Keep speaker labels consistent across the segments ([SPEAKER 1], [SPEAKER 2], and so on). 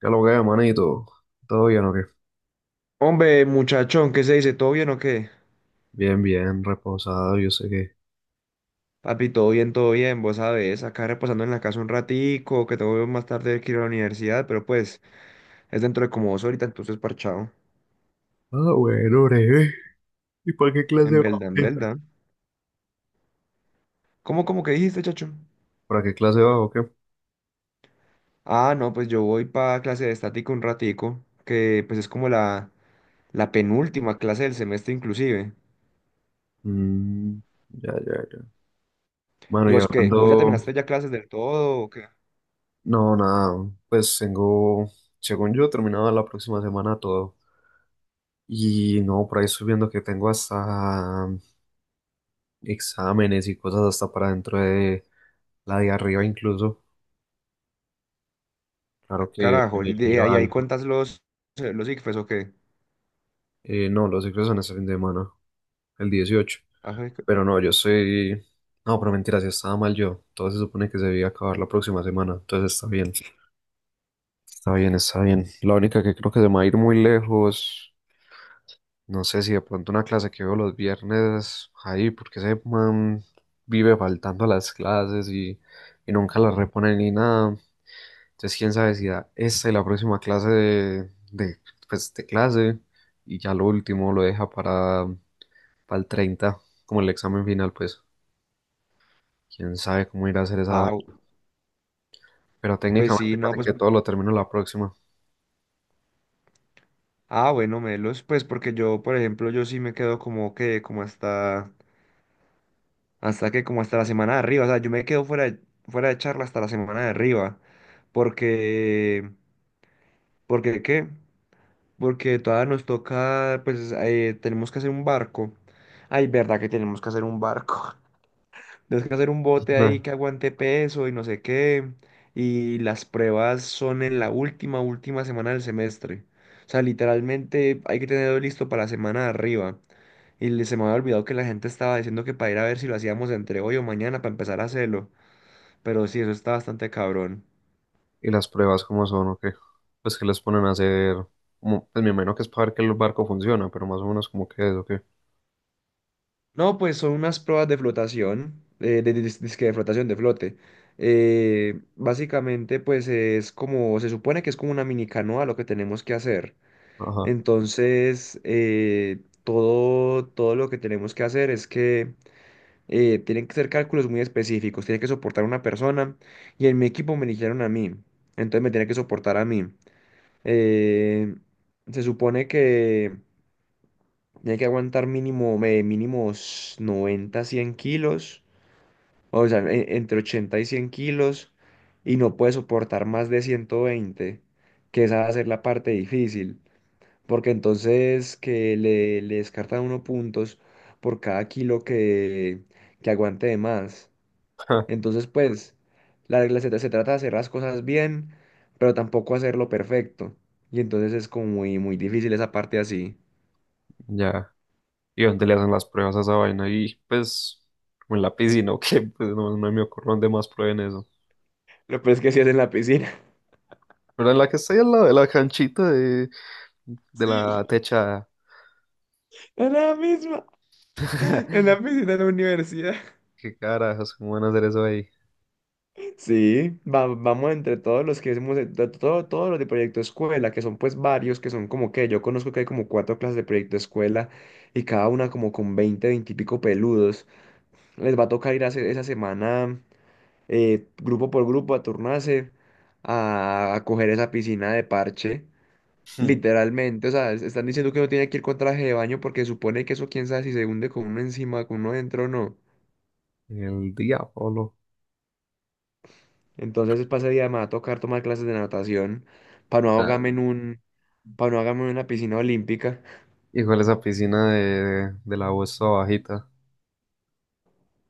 [SPEAKER 1] ¿Qué lo que es, manito? ¿Todo bien o qué?
[SPEAKER 2] Hombre, muchachón, ¿qué se dice? ¿Todo bien o qué?
[SPEAKER 1] Bien, bien, reposado, yo sé que...
[SPEAKER 2] Papi, todo bien, vos sabes, acá reposando en la casa un ratico, que tengo más tarde que ir a la universidad, pero pues es dentro de como dos ahorita, entonces parchado.
[SPEAKER 1] Ah, bueno, breve. ¿Y para qué clase
[SPEAKER 2] En
[SPEAKER 1] va o
[SPEAKER 2] Belda, en
[SPEAKER 1] qué?
[SPEAKER 2] Belda. ¿Cómo que dijiste, chacho?
[SPEAKER 1] ¿Para qué clase va o qué?
[SPEAKER 2] Ah, no, pues yo voy para clase de estática un ratico, que pues es como la penúltima clase del semestre inclusive.
[SPEAKER 1] Mm, ya, ya, ya. Bueno,
[SPEAKER 2] ¿Y
[SPEAKER 1] y
[SPEAKER 2] vos qué? ¿Vos ya
[SPEAKER 1] hablando...
[SPEAKER 2] terminaste ya clases del todo o qué?
[SPEAKER 1] No, nada, pues tengo... Según yo, terminado la próxima semana todo. Y no, por ahí estoy viendo que tengo hasta exámenes y cosas hasta para dentro de la de arriba incluso.
[SPEAKER 2] Ah,
[SPEAKER 1] Claro que
[SPEAKER 2] carajo, ¿y de
[SPEAKER 1] primero
[SPEAKER 2] ahí
[SPEAKER 1] algo.
[SPEAKER 2] cuentas los ICFES o qué?
[SPEAKER 1] No, los exámenes salen de semana, el 18.
[SPEAKER 2] Ah, jue-
[SPEAKER 1] Pero no, yo soy... No, pero mentira, si estaba mal yo. Todo se supone que se debía acabar la próxima semana. Entonces está bien. Está bien, está bien. La única que creo que se me va a ir muy lejos. No sé si de pronto una clase que veo los viernes ahí, porque ese man vive faltando a las clases y nunca las repone ni nada. Entonces, quién sabe si da esta y la próxima clase pues, de clase, y ya lo último lo deja para el 30, como el examen final, pues. Quién sabe cómo irá a hacer esa
[SPEAKER 2] ah,
[SPEAKER 1] vaina. Pero
[SPEAKER 2] pues
[SPEAKER 1] técnicamente,
[SPEAKER 2] sí, no,
[SPEAKER 1] fíjate
[SPEAKER 2] pues
[SPEAKER 1] que todo lo termino la próxima.
[SPEAKER 2] ah, bueno, Melos, pues porque yo, por ejemplo, yo sí me quedo como que, como hasta la semana de arriba, o sea, yo me quedo fuera de charla hasta la semana de arriba, porque, ¿qué? Porque todavía nos toca, pues, tenemos que hacer un barco. Ay, verdad que tenemos que hacer un barco. Tenemos que hacer un bote ahí
[SPEAKER 1] Ujú.
[SPEAKER 2] que aguante peso y no sé qué, y las pruebas son en la última, última semana del semestre. O sea, literalmente hay que tenerlo listo para la semana de arriba. Se me había olvidado que la gente estaba diciendo que para ir a ver si lo hacíamos entre hoy o mañana para empezar a hacerlo. Pero sí, eso está bastante cabrón.
[SPEAKER 1] ¿Y las pruebas cómo son o qué? Pues que les ponen a hacer, como, pues me imagino que es para ver que el barco funciona, pero más o menos como que es o qué.
[SPEAKER 2] No, pues son unas pruebas de flotación, dizque de flotación, de flote. Básicamente, pues es como, se supone que es como una mini canoa lo que tenemos que hacer.
[SPEAKER 1] Ajá,
[SPEAKER 2] Entonces, todo lo que tenemos que hacer es que tienen que ser cálculos muy específicos, tiene que soportar una persona y en mi equipo me eligieron a mí, entonces me tiene que soportar a mí. Eh, Se supone que tiene que aguantar mínimos 90, 100 kilos, o sea, entre 80 y 100 kilos, y no puede soportar más de 120, que esa va a ser la parte difícil, porque entonces que le descartan uno puntos por cada kilo que aguante de más. Entonces, pues, la regla se trata de hacer las cosas bien, pero tampoco hacerlo perfecto. Y entonces es como muy, muy difícil esa parte así.
[SPEAKER 1] ya. ¿Y dónde le hacen las pruebas a esa vaina? Y pues, como en la piscina o qué, pues no, no me ocurre dónde más prueben eso.
[SPEAKER 2] Lo peor es que sí es en la piscina.
[SPEAKER 1] Pero en la que estoy al lado de la canchita de
[SPEAKER 2] Sí,
[SPEAKER 1] la techada.
[SPEAKER 2] es la misma. En la piscina de la universidad.
[SPEAKER 1] ¿Qué carajos? ¿Cómo van a hacer eso ahí?
[SPEAKER 2] Sí, vamos entre todos los que hemos, de- todo, todos los de proyecto escuela, que son pues varios, que son como que yo conozco que hay como cuatro clases de proyecto escuela y cada una como con 20 20 y pico peludos. Les va a tocar ir a hacer esa semana. Grupo por grupo, a turnarse, a coger esa piscina de parche. Literalmente, o sea, están diciendo que no tiene que ir con traje de baño porque supone que eso quién sabe si se hunde con uno encima, con uno dentro o no.
[SPEAKER 1] El diablo.
[SPEAKER 2] Entonces, para ese día me va a tocar tomar clases de natación para no ahogarme en un, para no ahogarme en una piscina olímpica.
[SPEAKER 1] Igual esa piscina de la U está bajita.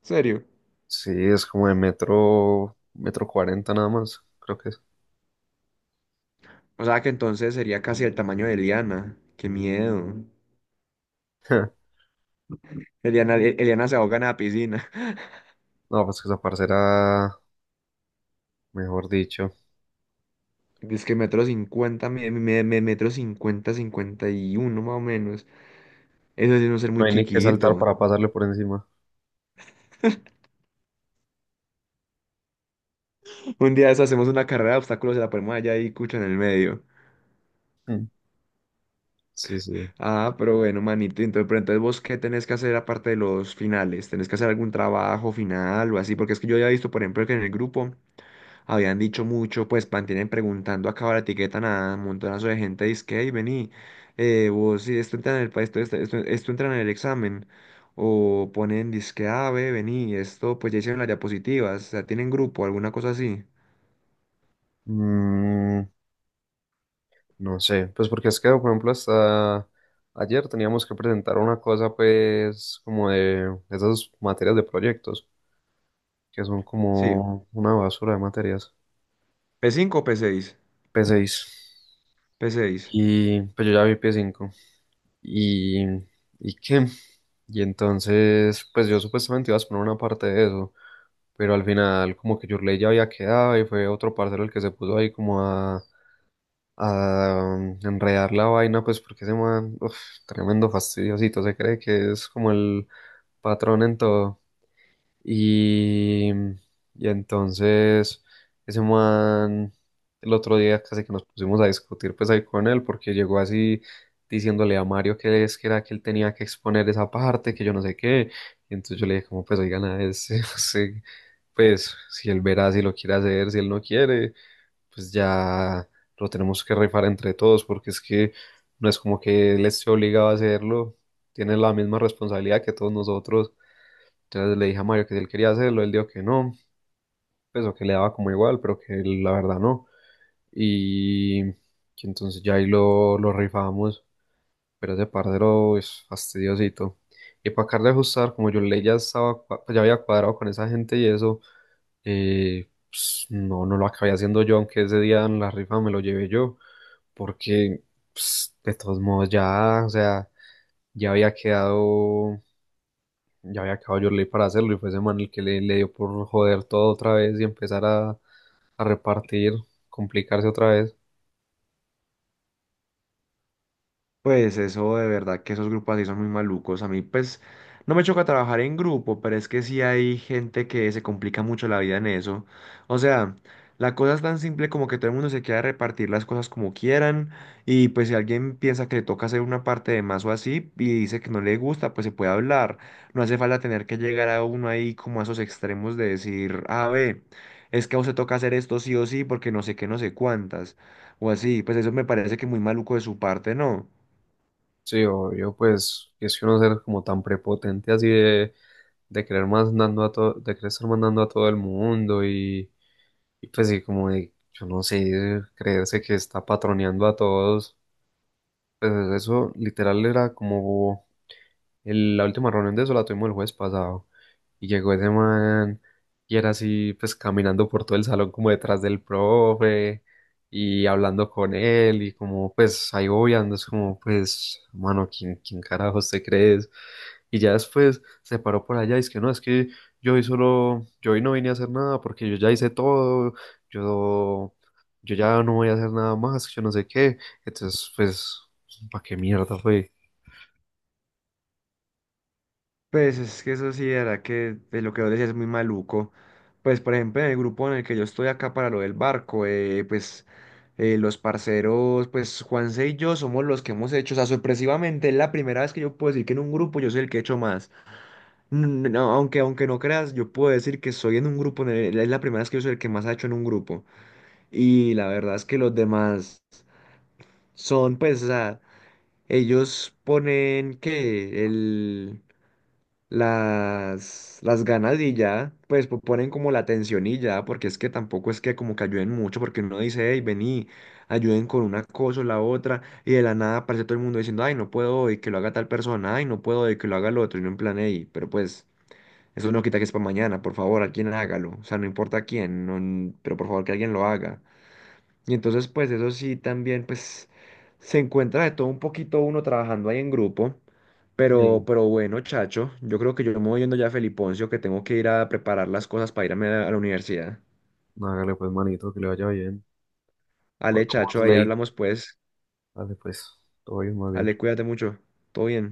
[SPEAKER 2] ¿Serio?
[SPEAKER 1] Sí, es como de metro, metro cuarenta nada más, creo que es.
[SPEAKER 2] O sea, que entonces sería casi el tamaño de Eliana. ¡Qué miedo! Eliana se ahoga en la piscina.
[SPEAKER 1] No, pues que esa parcera, mejor dicho.
[SPEAKER 2] Es que metro cincuenta, metro cincuenta, cincuenta y uno más o menos. Eso sí es un ser
[SPEAKER 1] No
[SPEAKER 2] muy
[SPEAKER 1] hay ni que saltar
[SPEAKER 2] chiquito.
[SPEAKER 1] para pasarle por encima.
[SPEAKER 2] Un día de eso hacemos una carrera de obstáculos y la ponemos allá y cucho en el medio.
[SPEAKER 1] Mm. Sí, sí.
[SPEAKER 2] Ah, pero bueno, manito, entonces, pero entonces ¿vos qué tenés que hacer aparte de los finales? ¿Tenés que hacer algún trabajo final o así? Porque es que yo había visto, por ejemplo, que en el grupo habían dicho mucho, pues mantienen preguntando acá la etiqueta a un montonazo de gente, dice que, "Ey, vení, vos si esto entra en el, esto, esto, esto, esto entra en el examen." O ponen disque, ah, ve, vení, esto, pues ya hicieron las diapositivas, o sea, tienen grupo, alguna cosa así.
[SPEAKER 1] Mm, no sé, pues porque es que, por ejemplo, hasta ayer teníamos que presentar una cosa, pues, como de esas materias de proyectos, que son
[SPEAKER 2] Sí.
[SPEAKER 1] como una basura de materias.
[SPEAKER 2] P5 o P6.
[SPEAKER 1] P6.
[SPEAKER 2] P6.
[SPEAKER 1] Y pues yo ya vi P5. Y, ¿Y qué? Y entonces, pues yo supuestamente iba a poner una parte de eso, pero al final como que Yurley ya había quedado y fue otro parcero el que se puso ahí como a enredar la vaina, pues porque ese man, uf, tremendo fastidiosito, se cree que es como el patrón en todo. Y, y entonces ese man, el otro día casi que nos pusimos a discutir pues ahí con él porque llegó así diciéndole a Mario que es que era que él tenía que exponer esa parte, que yo no sé qué. Y entonces yo le dije como pues oigan a ese, ese, pues si él verá si lo quiere hacer, si él no quiere, pues ya lo tenemos que rifar entre todos porque es que no es como que él esté obligado a hacerlo, tiene la misma responsabilidad que todos nosotros. Entonces le dije a Mario que si él quería hacerlo, él dijo que no, pues o que le daba como igual, pero que él, la verdad no. Y que entonces ya ahí lo rifamos, pero ese parcero es fastidiosito. Y para acabar de ajustar, como yo le ya estaba, pues, ya había cuadrado con esa gente y eso, pues, no, no lo acabé haciendo yo, aunque ese día en la rifa me lo llevé yo, porque pues, de todos modos ya, o sea, ya había quedado, ya había acabado yo ley para hacerlo y fue ese man el que le dio por joder todo otra vez y empezar a repartir, complicarse otra vez.
[SPEAKER 2] Pues eso de verdad que esos grupos así son muy malucos. A mí pues no me choca trabajar en grupo, pero es que sí hay gente que se complica mucho la vida en eso. O sea, la cosa es tan simple como que todo el mundo se quiera repartir las cosas como quieran y pues si alguien piensa que le toca hacer una parte de más o así y dice que no le gusta, pues se puede hablar. No hace falta tener que llegar a uno ahí como a esos extremos de decir, a ver, es que a usted toca hacer esto sí o sí porque no sé qué, no sé cuántas o así. Pues eso me parece que muy maluco de su parte, ¿no?
[SPEAKER 1] Sí, obvio, pues es que uno ser como tan prepotente así de querer mandando a todo, de querer estar mandando a todo el mundo y pues sí, como de, yo no sé, creerse que está patroneando a todos. Pues eso literal era como la última reunión de eso la tuvimos el jueves pasado. Y llegó ese man y era así, pues caminando por todo el salón como detrás del profe y hablando con él y como pues ahí obviando, es como pues, mano, ¿quién, quién carajos te crees? Y ya después se paró por allá y es que no, es que yo hoy solo, yo hoy no vine a hacer nada porque yo ya hice todo, yo, yo ya no voy a hacer nada más, yo no sé qué. Entonces, pues, ¿para qué mierda fue?
[SPEAKER 2] Pues es que eso sí, de verdad que de lo que vos decías es muy maluco. Pues por ejemplo, en el grupo en el que yo estoy acá para lo del barco, los parceros, pues Juanse y yo somos los que hemos hecho, o sea, sorpresivamente es la primera vez que yo puedo decir que en un grupo yo soy el que he hecho más. No, aunque no creas, yo puedo decir que soy en un grupo, en es la primera vez que yo soy el que más ha hecho en un grupo. Y la verdad es que los demás son, pues, o sea, ellos ponen que las ganas y ya, pues ponen como la atención y ya, porque es que tampoco es que como que ayuden mucho, porque uno dice, hey, vení, ayuden con una cosa o la otra, y de la nada aparece todo el mundo diciendo, ay, no puedo hoy, que lo haga tal persona, ay, no puedo hoy, que lo haga el otro, y no en plan, hey, pero pues, eso no quita que es para mañana, por favor, alguien hágalo, o sea, no importa quién, pero por favor que alguien lo haga. Y entonces, pues eso sí, también, pues se encuentra de todo un poquito uno trabajando ahí en grupo. Pero bueno, Chacho, yo creo que yo me voy yendo ya a Feliponcio, que tengo que ir a preparar las cosas para irme a la universidad.
[SPEAKER 1] Hágale pues, manito, que le vaya bien.
[SPEAKER 2] Ale,
[SPEAKER 1] Hablamos
[SPEAKER 2] Chacho, ahí
[SPEAKER 1] Ley.
[SPEAKER 2] hablamos pues.
[SPEAKER 1] Dale pues, todo bien, más bien.
[SPEAKER 2] Ale, cuídate mucho. Todo bien.